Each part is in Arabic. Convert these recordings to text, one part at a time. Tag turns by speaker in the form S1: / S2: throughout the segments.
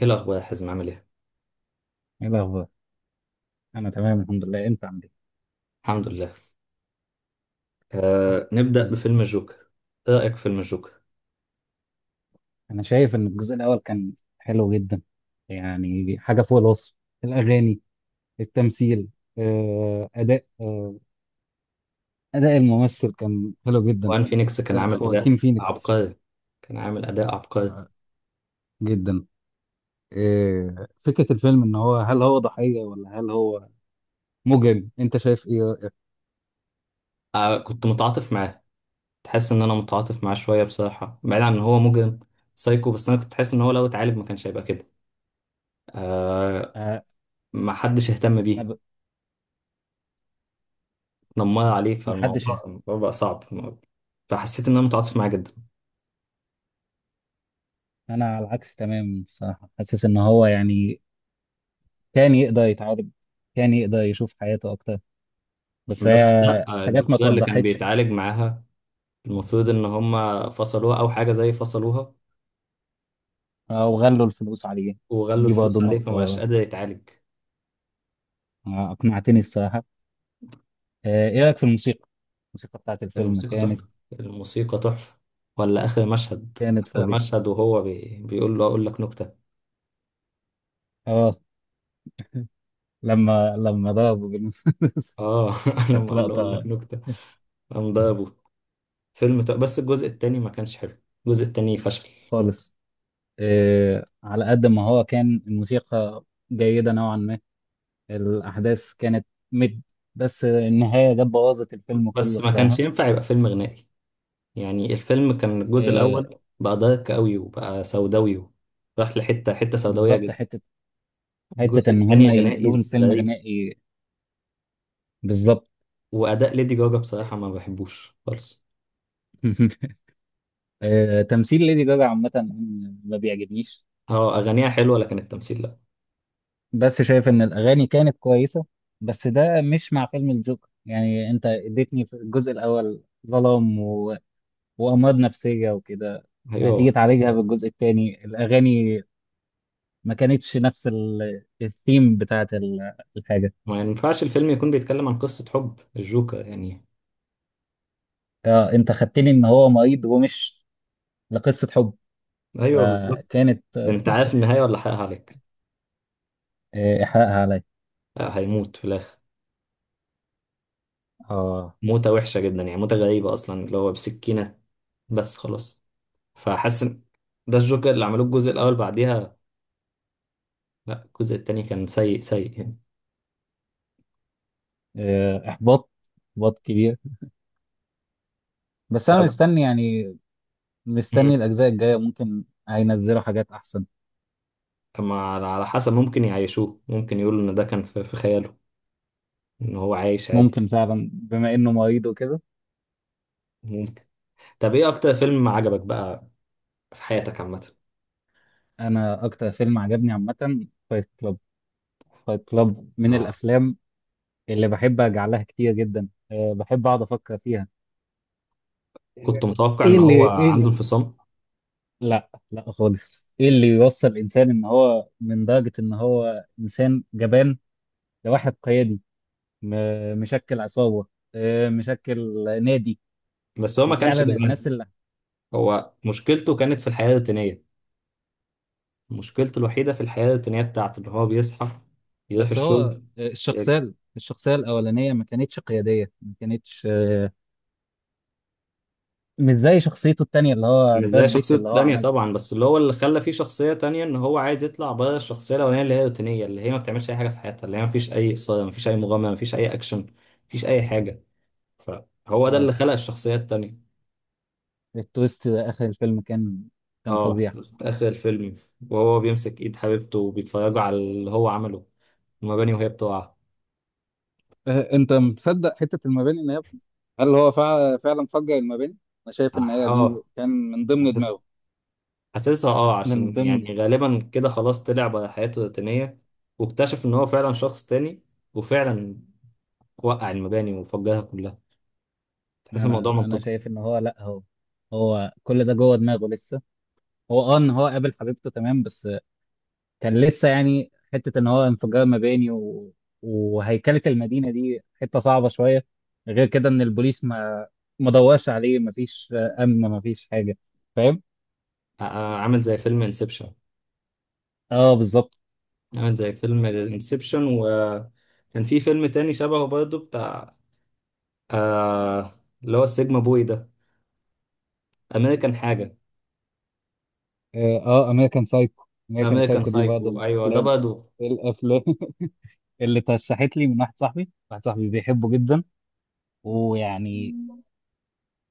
S1: ايه الاخبار يا حازم عامل ايه.
S2: ايه الاخبار؟ انا تمام الحمد لله، انت عامل ايه؟
S1: الحمد لله. آه، نبدا
S2: انا
S1: بفيلم الجوكر. ايه رايك في فيلم الجوكر.
S2: أنا شايف ان الجزء الاول كان حلو جدا، يعني حاجه فوق الوصف. الاغاني، التمثيل، آه، اداء آه، اداء الممثل كان حلو جدا.
S1: وان فينيكس كان
S2: ده
S1: عامل اداء
S2: خواكين فينيكس
S1: عبقري. كان عامل اداء عبقري.
S2: جدا. فكره الفيلم ان هو هل هو ضحيه ولا هل هو مجرم؟ انت شايف ايه؟
S1: آه، كنت متعاطف معاه. تحس ان انا متعاطف معاه شويه بصراحه، بعيد عن ان هو مجرم سايكو، بس انا كنت حاسس ان هو لو اتعالج ما كانش هيبقى كده. آه.
S2: آه،
S1: ما حدش اهتم بيه.
S2: انا ب-
S1: دمر عليه،
S2: محدش.
S1: فالموضوع الموضوع بقى صعب. فحسيت ان انا متعاطف معاه جدا.
S2: انا على العكس تماما الصراحه، حاسس ان هو يعني كان يقدر يتعالج، كان يقدر يشوف حياته اكتر، بس
S1: بس لا،
S2: هي حاجات ما
S1: الدكتوره اللي كان
S2: توضحتش.
S1: بيتعالج معاها، المفروض ان هم فصلوها او حاجه زي فصلوها،
S2: وغلوا الفلوس عليه،
S1: وغلوا
S2: دي برضه
S1: الفلوس عليه فمبقاش
S2: نقطة.
S1: قادر يتعالج.
S2: أقنعتني الصراحة. إيه رأيك في الموسيقى؟ الموسيقى بتاعت الفيلم
S1: الموسيقى
S2: كانت
S1: تحفة. الموسيقى تحفة. ولا آخر مشهد،
S2: كانت
S1: آخر
S2: فظيعة.
S1: مشهد وهو بيقول له أقول لك نكتة.
S2: آه لما ضربوا بالمسدس.
S1: آه
S2: كانت
S1: لما قال له أقول لك
S2: لقطة.
S1: نكتة قام ضربه. بس الجزء التاني ما كانش حلو. الجزء التاني فشل.
S2: خالص. على قد ما هو كان، الموسيقى جيدة نوعا ما، الأحداث كانت مد، بس النهاية جت بوظت الفيلم كله
S1: بس ما كانش
S2: الصراحة.
S1: ينفع يبقى فيلم غنائي. يعني الفيلم كان، الجزء
S2: آه،
S1: الأول بقى دارك أوي وبقى سوداوي راح لحتة سوداوية
S2: بالظبط.
S1: جدا.
S2: حتة
S1: الجزء
S2: إن
S1: التاني
S2: هما
S1: غنائي
S2: ينقلوه لفيلم
S1: غريب.
S2: غنائي. بالظبط.
S1: وأداء ليدي جاجا بصراحة ما بحبوش خالص.
S2: تمثيل ليدي جاجا عامة أنا ما بيعجبنيش،
S1: اه أغانيها حلوة لكن التمثيل لأ.
S2: بس شايف إن الأغاني كانت كويسة، بس ده مش مع فيلم الجوكر. يعني أنت اديتني في الجزء الأول ظلام و... وأمراض نفسية وكده،
S1: ايوه.
S2: هتيجي تعالجها بالجزء التاني؟ الأغاني ما كانتش نفس الثيم بتاعت الحاجة.
S1: ما ينفعش الفيلم يكون بيتكلم عن قصة حب الجوكر يعني.
S2: أنت خدتني إن هو مريض ومش لقصة حب،
S1: ايوه بالظبط.
S2: فكانت.
S1: ده انت عارف النهاية ولا حقها عليك.
S2: إحراقها عليا.
S1: آه، هيموت في الاخر.
S2: آه.
S1: موتة وحشة جدا، يعني موتة غريبة اصلا اللي هو بسكينة. بس خلاص. فحاسس إن ده الجوكر اللي عملوه الجزء الاول، بعديها لا الجزء التاني كان سيء سيء يعني.
S2: آه، إحباط إحباط كبير. بس أنا
S1: طب.
S2: مستني يعني،
S1: مم.
S2: مستني الأجزاء الجاية ممكن هينزلوا حاجات أحسن.
S1: أما على حسب، ممكن يعيشوه، ممكن يقولوا ان ده كان في خياله، ان هو عايش عادي.
S2: ممكن فعلا بما إنه مريض وكده.
S1: ممكن. طب ايه اكتر فيلم عجبك بقى في حياتك عامة.
S2: أنا أكتر فيلم عجبني عامة فايت كلاب. فايت كلاب من
S1: اه
S2: الأفلام اللي بحب أرجع لها كتير جدا، أه بحب أقعد أفكر فيها.
S1: كنت متوقع
S2: إيه
S1: ان
S2: اللي
S1: هو
S2: إيه
S1: عنده
S2: اللي...
S1: انفصام.
S2: لا، لا خالص. إيه اللي يوصل الإنسان إن هو من درجة إن هو إنسان جبان لواحد قيادي؟ مشكل عصابة، مشكل نادي.
S1: بس هو ما كانش
S2: وفعلا الناس
S1: جبان.
S2: اللي،
S1: هو مشكلته كانت في الحياة الروتينية. مشكلته الوحيدة في الحياة الروتينية بتاعته، اللي هو بيصحى يروح
S2: بس هو،
S1: الشغل. ي-
S2: الشخصية الأولانية ما كانتش قيادية، ما كانتش، مش زي شخصيته التانية اللي هو
S1: مش
S2: براد
S1: زي
S2: بيت
S1: شخصيته
S2: اللي هو
S1: التانية
S2: عملها.
S1: طبعا، بس اللي هو اللي خلى فيه شخصية تانية ان هو عايز يطلع بره الشخصية الأولانية اللي هي روتينية، اللي هي ما بتعملش أي حاجة في حياتها، اللي هي ما فيش أي إثارة، ما فيش أي مغامرة، ما فيش أي أكشن، ما فيش أي حاجة. فهو ده اللي
S2: اه
S1: خلق الشخصية التانية.
S2: التويست آخر الفيلم كان
S1: اه
S2: فظيع.
S1: في آخر الفيلم وهو بيمسك إيد حبيبته وبيتفرجوا على اللي هو عمله، المباني وهي بتقع.
S2: انت مصدق حته المباني ان هي، هل هو فعلا فجر المباني؟ انا
S1: اه.
S2: شايف ان هي
S1: آه،
S2: دي كان من ضمن دماغه.
S1: حاسسها اه،
S2: من
S1: عشان
S2: ضمن.
S1: يعني غالبا كده خلاص طلع بقى حياته الروتينية، واكتشف ان هو فعلا شخص تاني، وفعلا وقع المباني وفجرها كلها. تحس الموضوع
S2: أنا
S1: منطقي.
S2: شايف إن هو، لأ، هو كل ده جوه دماغه لسه. هو اه إن هو قابل حبيبته تمام، بس كان لسه يعني حته ان هو انفجار مباني و... وهيكله المدينه دي، حته صعبه شويه. غير كده ان البوليس ما دورش عليه، ما فيش امن، ما فيش حاجه، فاهم.
S1: ع- عامل زي فيلم انسبشن.
S2: اه بالظبط.
S1: عامل زي فيلم انسبشن. وكان في فيلم تاني شبهه برضه بتاع، آه اللي هو السيجما بوي ده، امريكان حاجة.
S2: امريكان سايكو. امريكان
S1: امريكان
S2: سايكو دي برضه
S1: سايكو
S2: من
S1: ايوه ده
S2: الافلام.
S1: برضه.
S2: إيه الافلام؟ اللي ترشحت لي من واحد صاحبي بيحبه جدا ويعني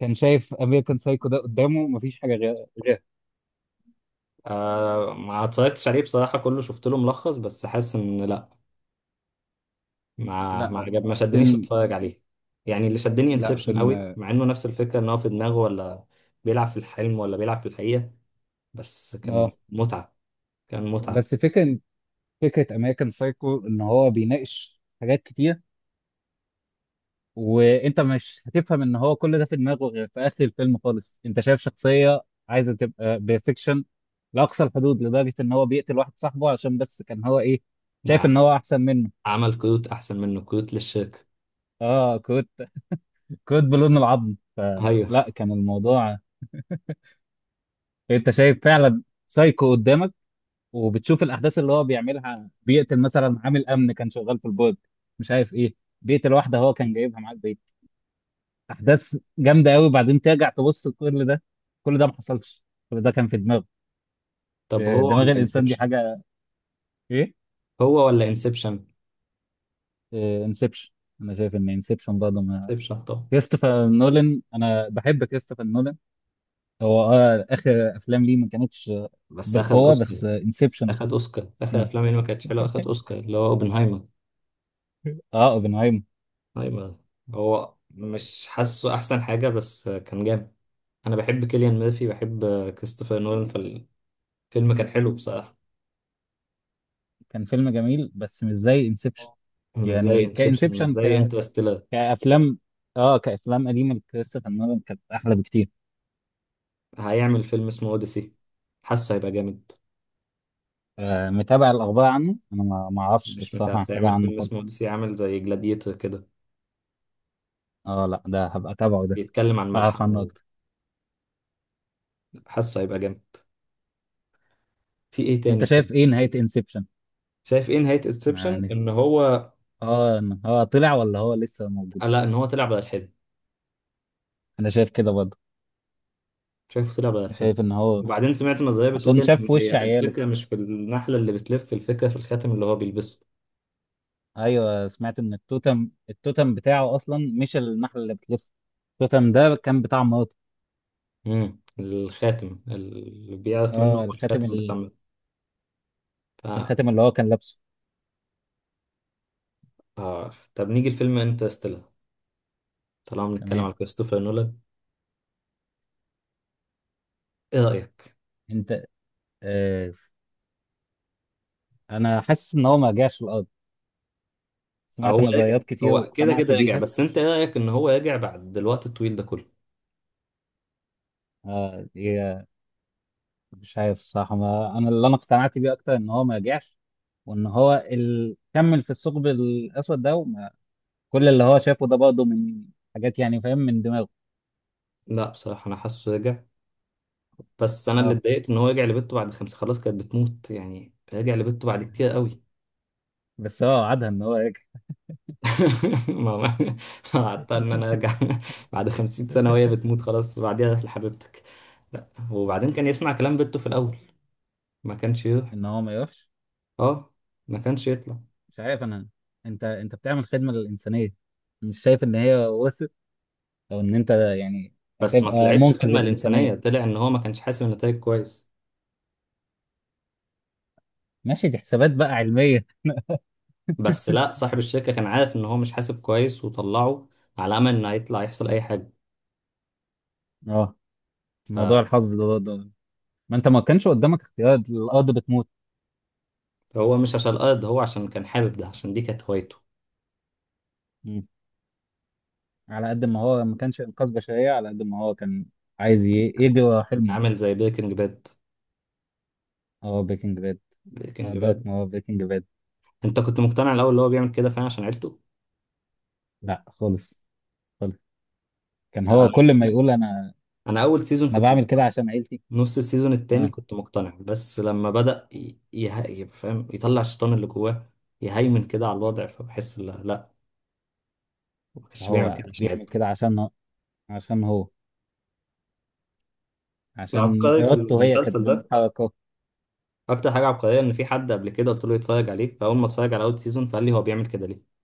S2: كان شايف امريكان سايكو ده قدامه مفيش حاجه غير، غير.
S1: آه ما اتفرجتش عليه بصراحة، كله شفت له ملخص بس حاسس ان لا، ما
S2: لا
S1: عجب، ما شدنيش
S2: فيلم.
S1: اتفرج عليه. يعني اللي شدني
S2: لا
S1: انسبشن قوي،
S2: فيلم.
S1: مع انه نفس الفكره، ان هو في دماغه، ولا بيلعب في الحلم ولا بيلعب في الحقيقه. بس كان
S2: اه
S1: متعه. كان متعه.
S2: بس فكرة، امريكان سايكو ان هو بيناقش حاجات كتير، وانت مش هتفهم ان هو كل ده في دماغه غير في اخر الفيلم خالص. انت شايف شخصيه عايزه تبقى بيرفكشن لاقصى الحدود، لدرجه ان هو بيقتل واحد صاحبه عشان بس كان هو ايه؟ شايف ان
S1: نعم.
S2: هو احسن منه.
S1: عمل كروت احسن منه، كروت للشركه.
S2: اه كنت كنت بلون العظم،
S1: ايوه.
S2: فلا كان الموضوع. انت شايف فعلا سايكو قدامك، وبتشوف الاحداث اللي هو بيعملها. بيقتل مثلا عامل امن كان شغال في البورد، مش عارف ايه، بيقتل واحده هو كان جايبها معاه البيت. احداث جامده قوي، وبعدين ترجع تبص كل ده، كل ده ما حصلش. كل ده كان في دماغه.
S1: طب هو
S2: دماغ
S1: ولا
S2: الانسان دي
S1: انسبشن.
S2: حاجه ايه.
S1: هو ولا انسبشن.
S2: انسبشن. انا شايف ان انسبشن برضه ما.
S1: انسبشن. طب.
S2: كريستوفر نولان، انا بحب كريستوفر نولان. هو اه اخر افلام ليه ما كانتش
S1: بس اخد
S2: بالقوه،
S1: الاوسكار.
S2: بس
S1: بس
S2: انسبشن.
S1: اخد اوسكار اخر
S2: إنز...
S1: افلام اللي ما كانتش حلوه، اخد اوسكار، اللي هو اوبنهايمر.
S2: اه اوبنهايمر.
S1: اوبنهايمر. هو مش حاسه احسن حاجه بس كان جامد. انا بحب كيليان ميرفي، بحب كريستوفر نولان. فيلم كان حلو بصراحة.
S2: كان فيلم جميل بس مش زي انسبشن.
S1: مش زي
S2: يعني
S1: انسبشن، مش
S2: كانسبشن،
S1: زي انترستيلر.
S2: كافلام، اه كافلام قديمه لكريستوفر نولان كانت احلى بكتير.
S1: هيعمل فيلم اسمه اوديسي. حاسه هيبقى جامد.
S2: متابع الاخبار عنه؟ انا ما اعرفش
S1: مش
S2: الصراحه
S1: متعس،
S2: حاجه
S1: هيعمل
S2: عنه
S1: فيلم
S2: خالص.
S1: اسمه اوديسي عامل زي جلاديتور كده.
S2: اه لا، ده هبقى اتابعه ده،
S1: بيتكلم عن
S2: اعرف عنه
S1: ملحمة.
S2: اكتر.
S1: حاسه هيبقى جامد. في ايه
S2: انت
S1: تاني حلو.
S2: شايف ايه نهاية انسبشن؟
S1: شايف ايه نهاية انسبشن
S2: يعني
S1: ان هو.
S2: اه إن هو طلع ولا هو لسه موجود.
S1: آه لا ان هو طلع بدل الحلم.
S2: انا شايف كده برضه،
S1: شايفه طلع بدل الحلم.
S2: شايف ان هو
S1: وبعدين سمعت نظرية بتقول
S2: عشان شاف
S1: ان
S2: في وش
S1: هي
S2: عياله.
S1: الفكرة مش في النحلة اللي بتلف، الفكرة في الخاتم اللي هو بيلبسه.
S2: ايوه، سمعت ان التوتم بتاعه اصلا مش النحلة اللي بتلف، التوتم ده كان بتاع مراته.
S1: امم، الخاتم اللي بيعرف منه
S2: اه
S1: هو
S2: الخاتم،
S1: الخاتم بتاع.
S2: الخاتم اللي هو كان لابسه.
S1: عارف. طب نيجي لفيلم انترستيلر، طالما بنتكلم
S2: تمام.
S1: على كريستوفر نولان. ايه رأيك.
S2: انت آه انا حاسس ان هو ما رجعش الارض، سمعت
S1: هو رجع.
S2: نظريات كتير
S1: هو كده
S2: واقتنعت
S1: كده رجع،
S2: بيها.
S1: بس انت ايه رأيك ان هو رجع بعد الوقت الطويل ده كله.
S2: آه مش عارف الصراحة، ما أنا اللي أنا اقتنعت بيه أكتر إن هو ما رجعش، وإن هو كمل في الثقب الأسود ده وما... كل اللي هو شافه ده برضه من حاجات، يعني فاهم، من دماغه.
S1: لا بصراحة انا حاسه رجع. بس انا اللي
S2: أه
S1: اتضايقت ان هو رجع لبنته بعد خمسة، خلاص كانت بتموت، يعني رجع لبنته بعد كتير قوي.
S2: بس هو وعدها إن هو يرجع.
S1: ما ما- ما قعدت ان انا ارجع بعد 50 سنة وهي بتموت خلاص، وبعديها روح لحبيبتك. لا وبعدين كان يسمع كلام بنته في الاول، ما كانش يروح.
S2: إن هو ما يروحش.
S1: اه ما كانش يطلع.
S2: مش عارف أنا. أنت بتعمل خدمة للإنسانية، مش شايف إن هي وصلت، أو إن أنت يعني
S1: بس ما
S2: هتبقى
S1: طلعتش
S2: منقذ
S1: خدمة
S2: الإنسانية؟
S1: للإنسانية، طلع إن هو ما كانش حاسب النتائج كويس.
S2: ماشي، دي حسابات بقى علمية.
S1: بس لا، صاحب الشركة كان عارف إن هو مش حاسب كويس وطلعه على أمل إن هيطلع يحصل أي حاجة.
S2: أه موضوع الحظ ده برضه، ما انت ما كانش قدامك اختيار، الارض بتموت.
S1: فهو مش عشان الأرض، هو عشان كان حابب، ده عشان دي كانت هوايته.
S2: مم. على قد ما هو ما كانش انقاذ بشريه، على قد ما هو كان عايز يجري ورا حلمه.
S1: عامل زي بريكنج باد.
S2: اه بريكنج باد.
S1: بريكنج باد.
S2: دارك، ما هو بريكنج باد.
S1: أنت كنت مقتنع الأول اللي هو بيعمل كده فعلا عشان عيلته؟
S2: لا خالص، خالص. كان هو
S1: آه،
S2: كل ما يقول، انا
S1: أنا أول سيزون
S2: انا
S1: كنت
S2: بعمل
S1: مقتنع.
S2: كده عشان عيلتي.
S1: نص السيزون التاني
S2: اه،
S1: كنت مقتنع، بس لما بدأ يبقى فاهم يطلع الشيطان اللي جواه يهيمن كده على الوضع فبحس لا لا، ما كانش بيعمل
S2: هو
S1: كده عشان
S2: بيعمل
S1: عيلته.
S2: كده عشان هو- عشان هو عشان
S1: العبقري في
S2: ارادته هي كانت
S1: المسلسل ده،
S2: بمحركه.
S1: اكتر حاجه عبقريه، ان في حد قبل كده قلت له يتفرج عليه، فاول ما اتفرج على اول سيزون فقال لي هو بيعمل كده ليه.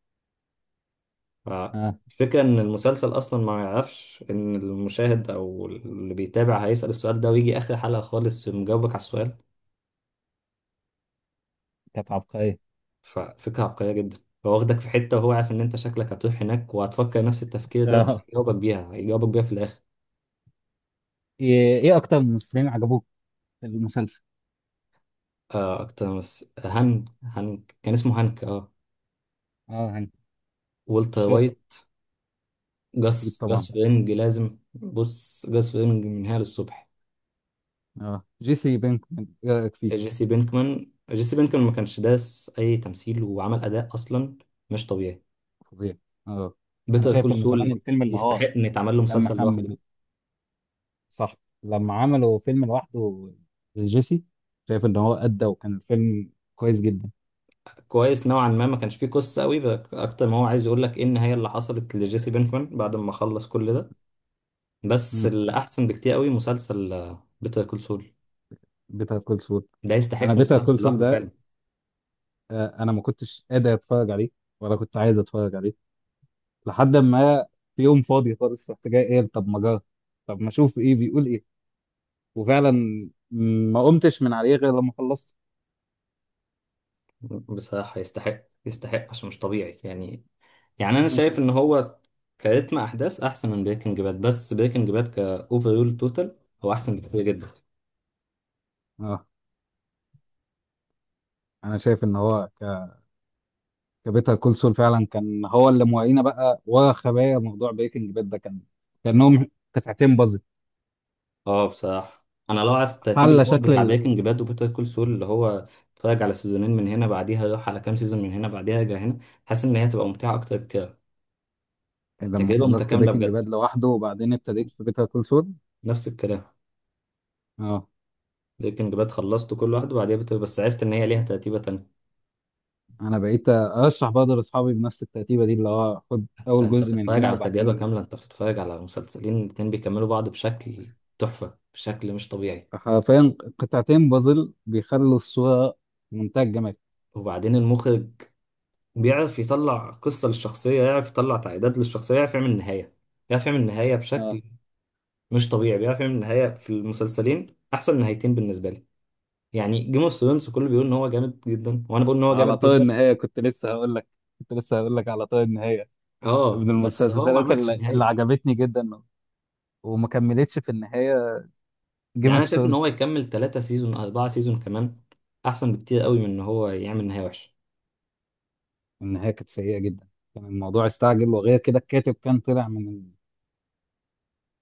S2: اه
S1: فالفكره ان المسلسل اصلا ما يعرفش ان المشاهد او اللي بيتابع هيسال السؤال ده، ويجي اخر حلقه خالص مجاوبك على السؤال.
S2: كانت عبقريه.
S1: ففكره عبقريه جدا. هو واخدك في حته وهو عارف ان انت شكلك هتروح هناك وهتفكر نفس التفكير ده،
S2: اه.
S1: فهيجاوبك بيها، هيجاوبك بيها في الاخر.
S2: إيه اكتر ممثلين عجبوك في المسلسل؟
S1: آه اكتر هانك، هانك كان اسمه هانك اه.
S2: اه هانك،
S1: والتر
S2: الشاطي.
S1: وايت.
S2: اكيد
S1: جاس،
S2: طبعا.
S1: جاس فرينج، لازم بص جاس فرينج من هنا للصبح.
S2: اه جيسي بينكمان، ايه رايك فيه؟
S1: جيسي بينكمان، جيسي بينكمان ما كانش داس اي تمثيل وعمل اداء اصلا مش طبيعي.
S2: فظيع. اه انا
S1: بيتر
S2: شايف
S1: كول
S2: ان كمان
S1: سول
S2: الفيلم اللي هو
S1: يستحق ان يتعمل له
S2: لما
S1: مسلسل لوحده.
S2: خمل، صح، لما عملوا فيلم لوحده جيسي، شايف ان هو ادى وكان الفيلم كويس جدا.
S1: كويس نوعا ما، ما كانش فيه قصه قوي بقى، اكتر ما هو عايز يقول لك ايه النهايه اللي حصلت لجيسي بينكمان بعد ما خلص كل ده. بس
S2: مم.
S1: اللي احسن بكتير قوي مسلسل بيتر كول سول.
S2: بيتر كول سول.
S1: ده
S2: انا
S1: يستحق
S2: بيتر كول
S1: مسلسل
S2: سول
S1: لوحده
S2: ده
S1: فعلا.
S2: انا ما كنتش قادر اتفرج عليه ولا كنت عايز اتفرج عليه، لحد ما في يوم فاضي خالص، رحت جاي قايل طب ما جرب، طب ما اشوف ايه بيقول ايه. وفعلا ما قمتش من عليه غير لما خلصت.
S1: بصراحه يستحق، يستحق عشان مش طبيعي يعني. يعني انا شايف ان هو كريتم احداث احسن من بريكنج باد، بس بريكنج باد كاوفرول توتال هو احسن بكتير جدا.
S2: اه انا شايف ان هو كابيتال كول سول فعلا كان هو اللي موعينا بقى وخبايا موضوع بريكنج باد ده، كان كانهم قطعتين بازل.
S1: اه بصراحه انا لو عرفت الترتيب
S2: حل
S1: الاول
S2: شكل
S1: بتاع بريكنج باد وبيتر كول سول، اللي هو اتفرج على سيزونين من هنا بعديها اروح على كام سيزون من هنا بعديها ارجع هنا، حاسس ان هي هتبقى ممتعه اكتر كتير.
S2: يعني لما
S1: تجربه
S2: خلصت
S1: متكامله
S2: بريكنج
S1: بجد.
S2: باد لوحده وبعدين ابتديت في بيتر كول سول.
S1: نفس الكلام.
S2: اه
S1: بريكنج باد خلصته كل واحد وبعديها بيتر، بس عرفت ان هي ليها ترتيبه تانية.
S2: انا بقيت ارشح برضه لاصحابي بنفس الترتيبه دي، اللي هو خد
S1: انت
S2: اول
S1: انت
S2: جزء من
S1: بتتفرج
S2: هنا
S1: على تجربه
S2: وبعدين،
S1: كامله، انت بتتفرج على مسلسلين الاتنين بيكملوا بعض بشكل تحفه، بشكل مش طبيعي.
S2: حرفيا قطعتين بازل بيخلوا الصوره منتهى الجمال.
S1: وبعدين المخرج بيعرف يطلع قصة للشخصية، يعرف يطلع تعقيدات للشخصية، يعرف يعمل نهاية، يعرف يعمل نهاية
S2: اه،
S1: بشكل مش طبيعي. بيعرف يعمل نهاية، في المسلسلين أحسن نهايتين بالنسبة لي. يعني جيم اوف ثرونز كله بيقول إن هو جامد جدا وأنا بقول إن هو
S2: على
S1: جامد
S2: طار
S1: جدا.
S2: النهايه كنت لسه هقول لك، كنت لسه هقول لك على طار النهايه،
S1: أه
S2: من
S1: بس هو ما
S2: المسلسلات
S1: عملش
S2: اللي
S1: نهاية.
S2: عجبتني جدا وما كملتش في النهايه، جيم
S1: يعني أنا
S2: اوف
S1: شايف إن هو
S2: ثرونز.
S1: يكمل 3 سيزون 4 سيزون كمان أحسن بكتير قوي من إن هو يعمل نهاية وحشة.
S2: النهايه كانت سيئه جدا، كان الموضوع استعجل، وغير كده الكاتب كان طلع من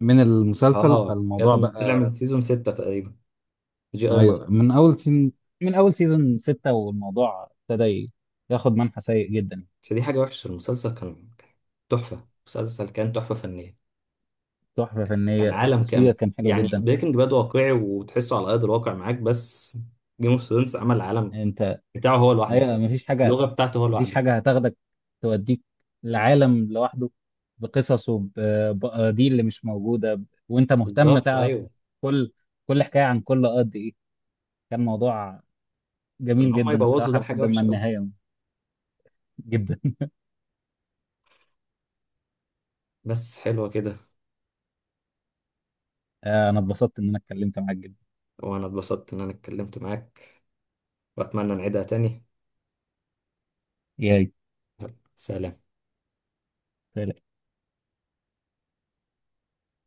S2: من المسلسل،
S1: أه كانت.
S2: فالموضوع
S1: طلع من
S2: بقى.
S1: سيزون 6 تقريبا، جي آر مارتن.
S2: ايوه من اول سيزون ستة، والموضوع ابتدى ياخد منحى سيء جدا.
S1: بس دي حاجة وحشة، المسلسل كان تحفة، مسلسل كان تحفة فنية.
S2: تحفه فنيه،
S1: كان عالم
S2: التصوير
S1: كامل.
S2: كان حلو
S1: يعني
S2: جدا.
S1: بريكنج باد واقعي وتحسه على ارض الواقع معاك، بس جيم اوف ثرونز عمل العالم
S2: انت
S1: بتاعه هو لوحده،
S2: ايوه مفيش حاجه،
S1: اللغه بتاعته هو
S2: مفيش
S1: لوحده.
S2: حاجه هتاخدك، توديك لعالم لوحده، بقصصه بقضيه اللي مش موجوده، وانت مهتم
S1: بالظبط
S2: تعرف،
S1: ايوه.
S2: كل كل حكايه عن كل قد ايه. كان موضوع
S1: ان
S2: جميل
S1: هم
S2: جدا
S1: يبوظوا
S2: الصراحة
S1: ده حاجه
S2: لحد ما
S1: وحشه قوي.
S2: النهاية. جدا.
S1: بس حلوه كده.
S2: أنا اتبسطت إن أنا اتكلمت معاك جدا.
S1: وانا اتبسطت ان انا اتكلمت معاك، واتمنى نعيدها تاني.
S2: ياي.
S1: سلام.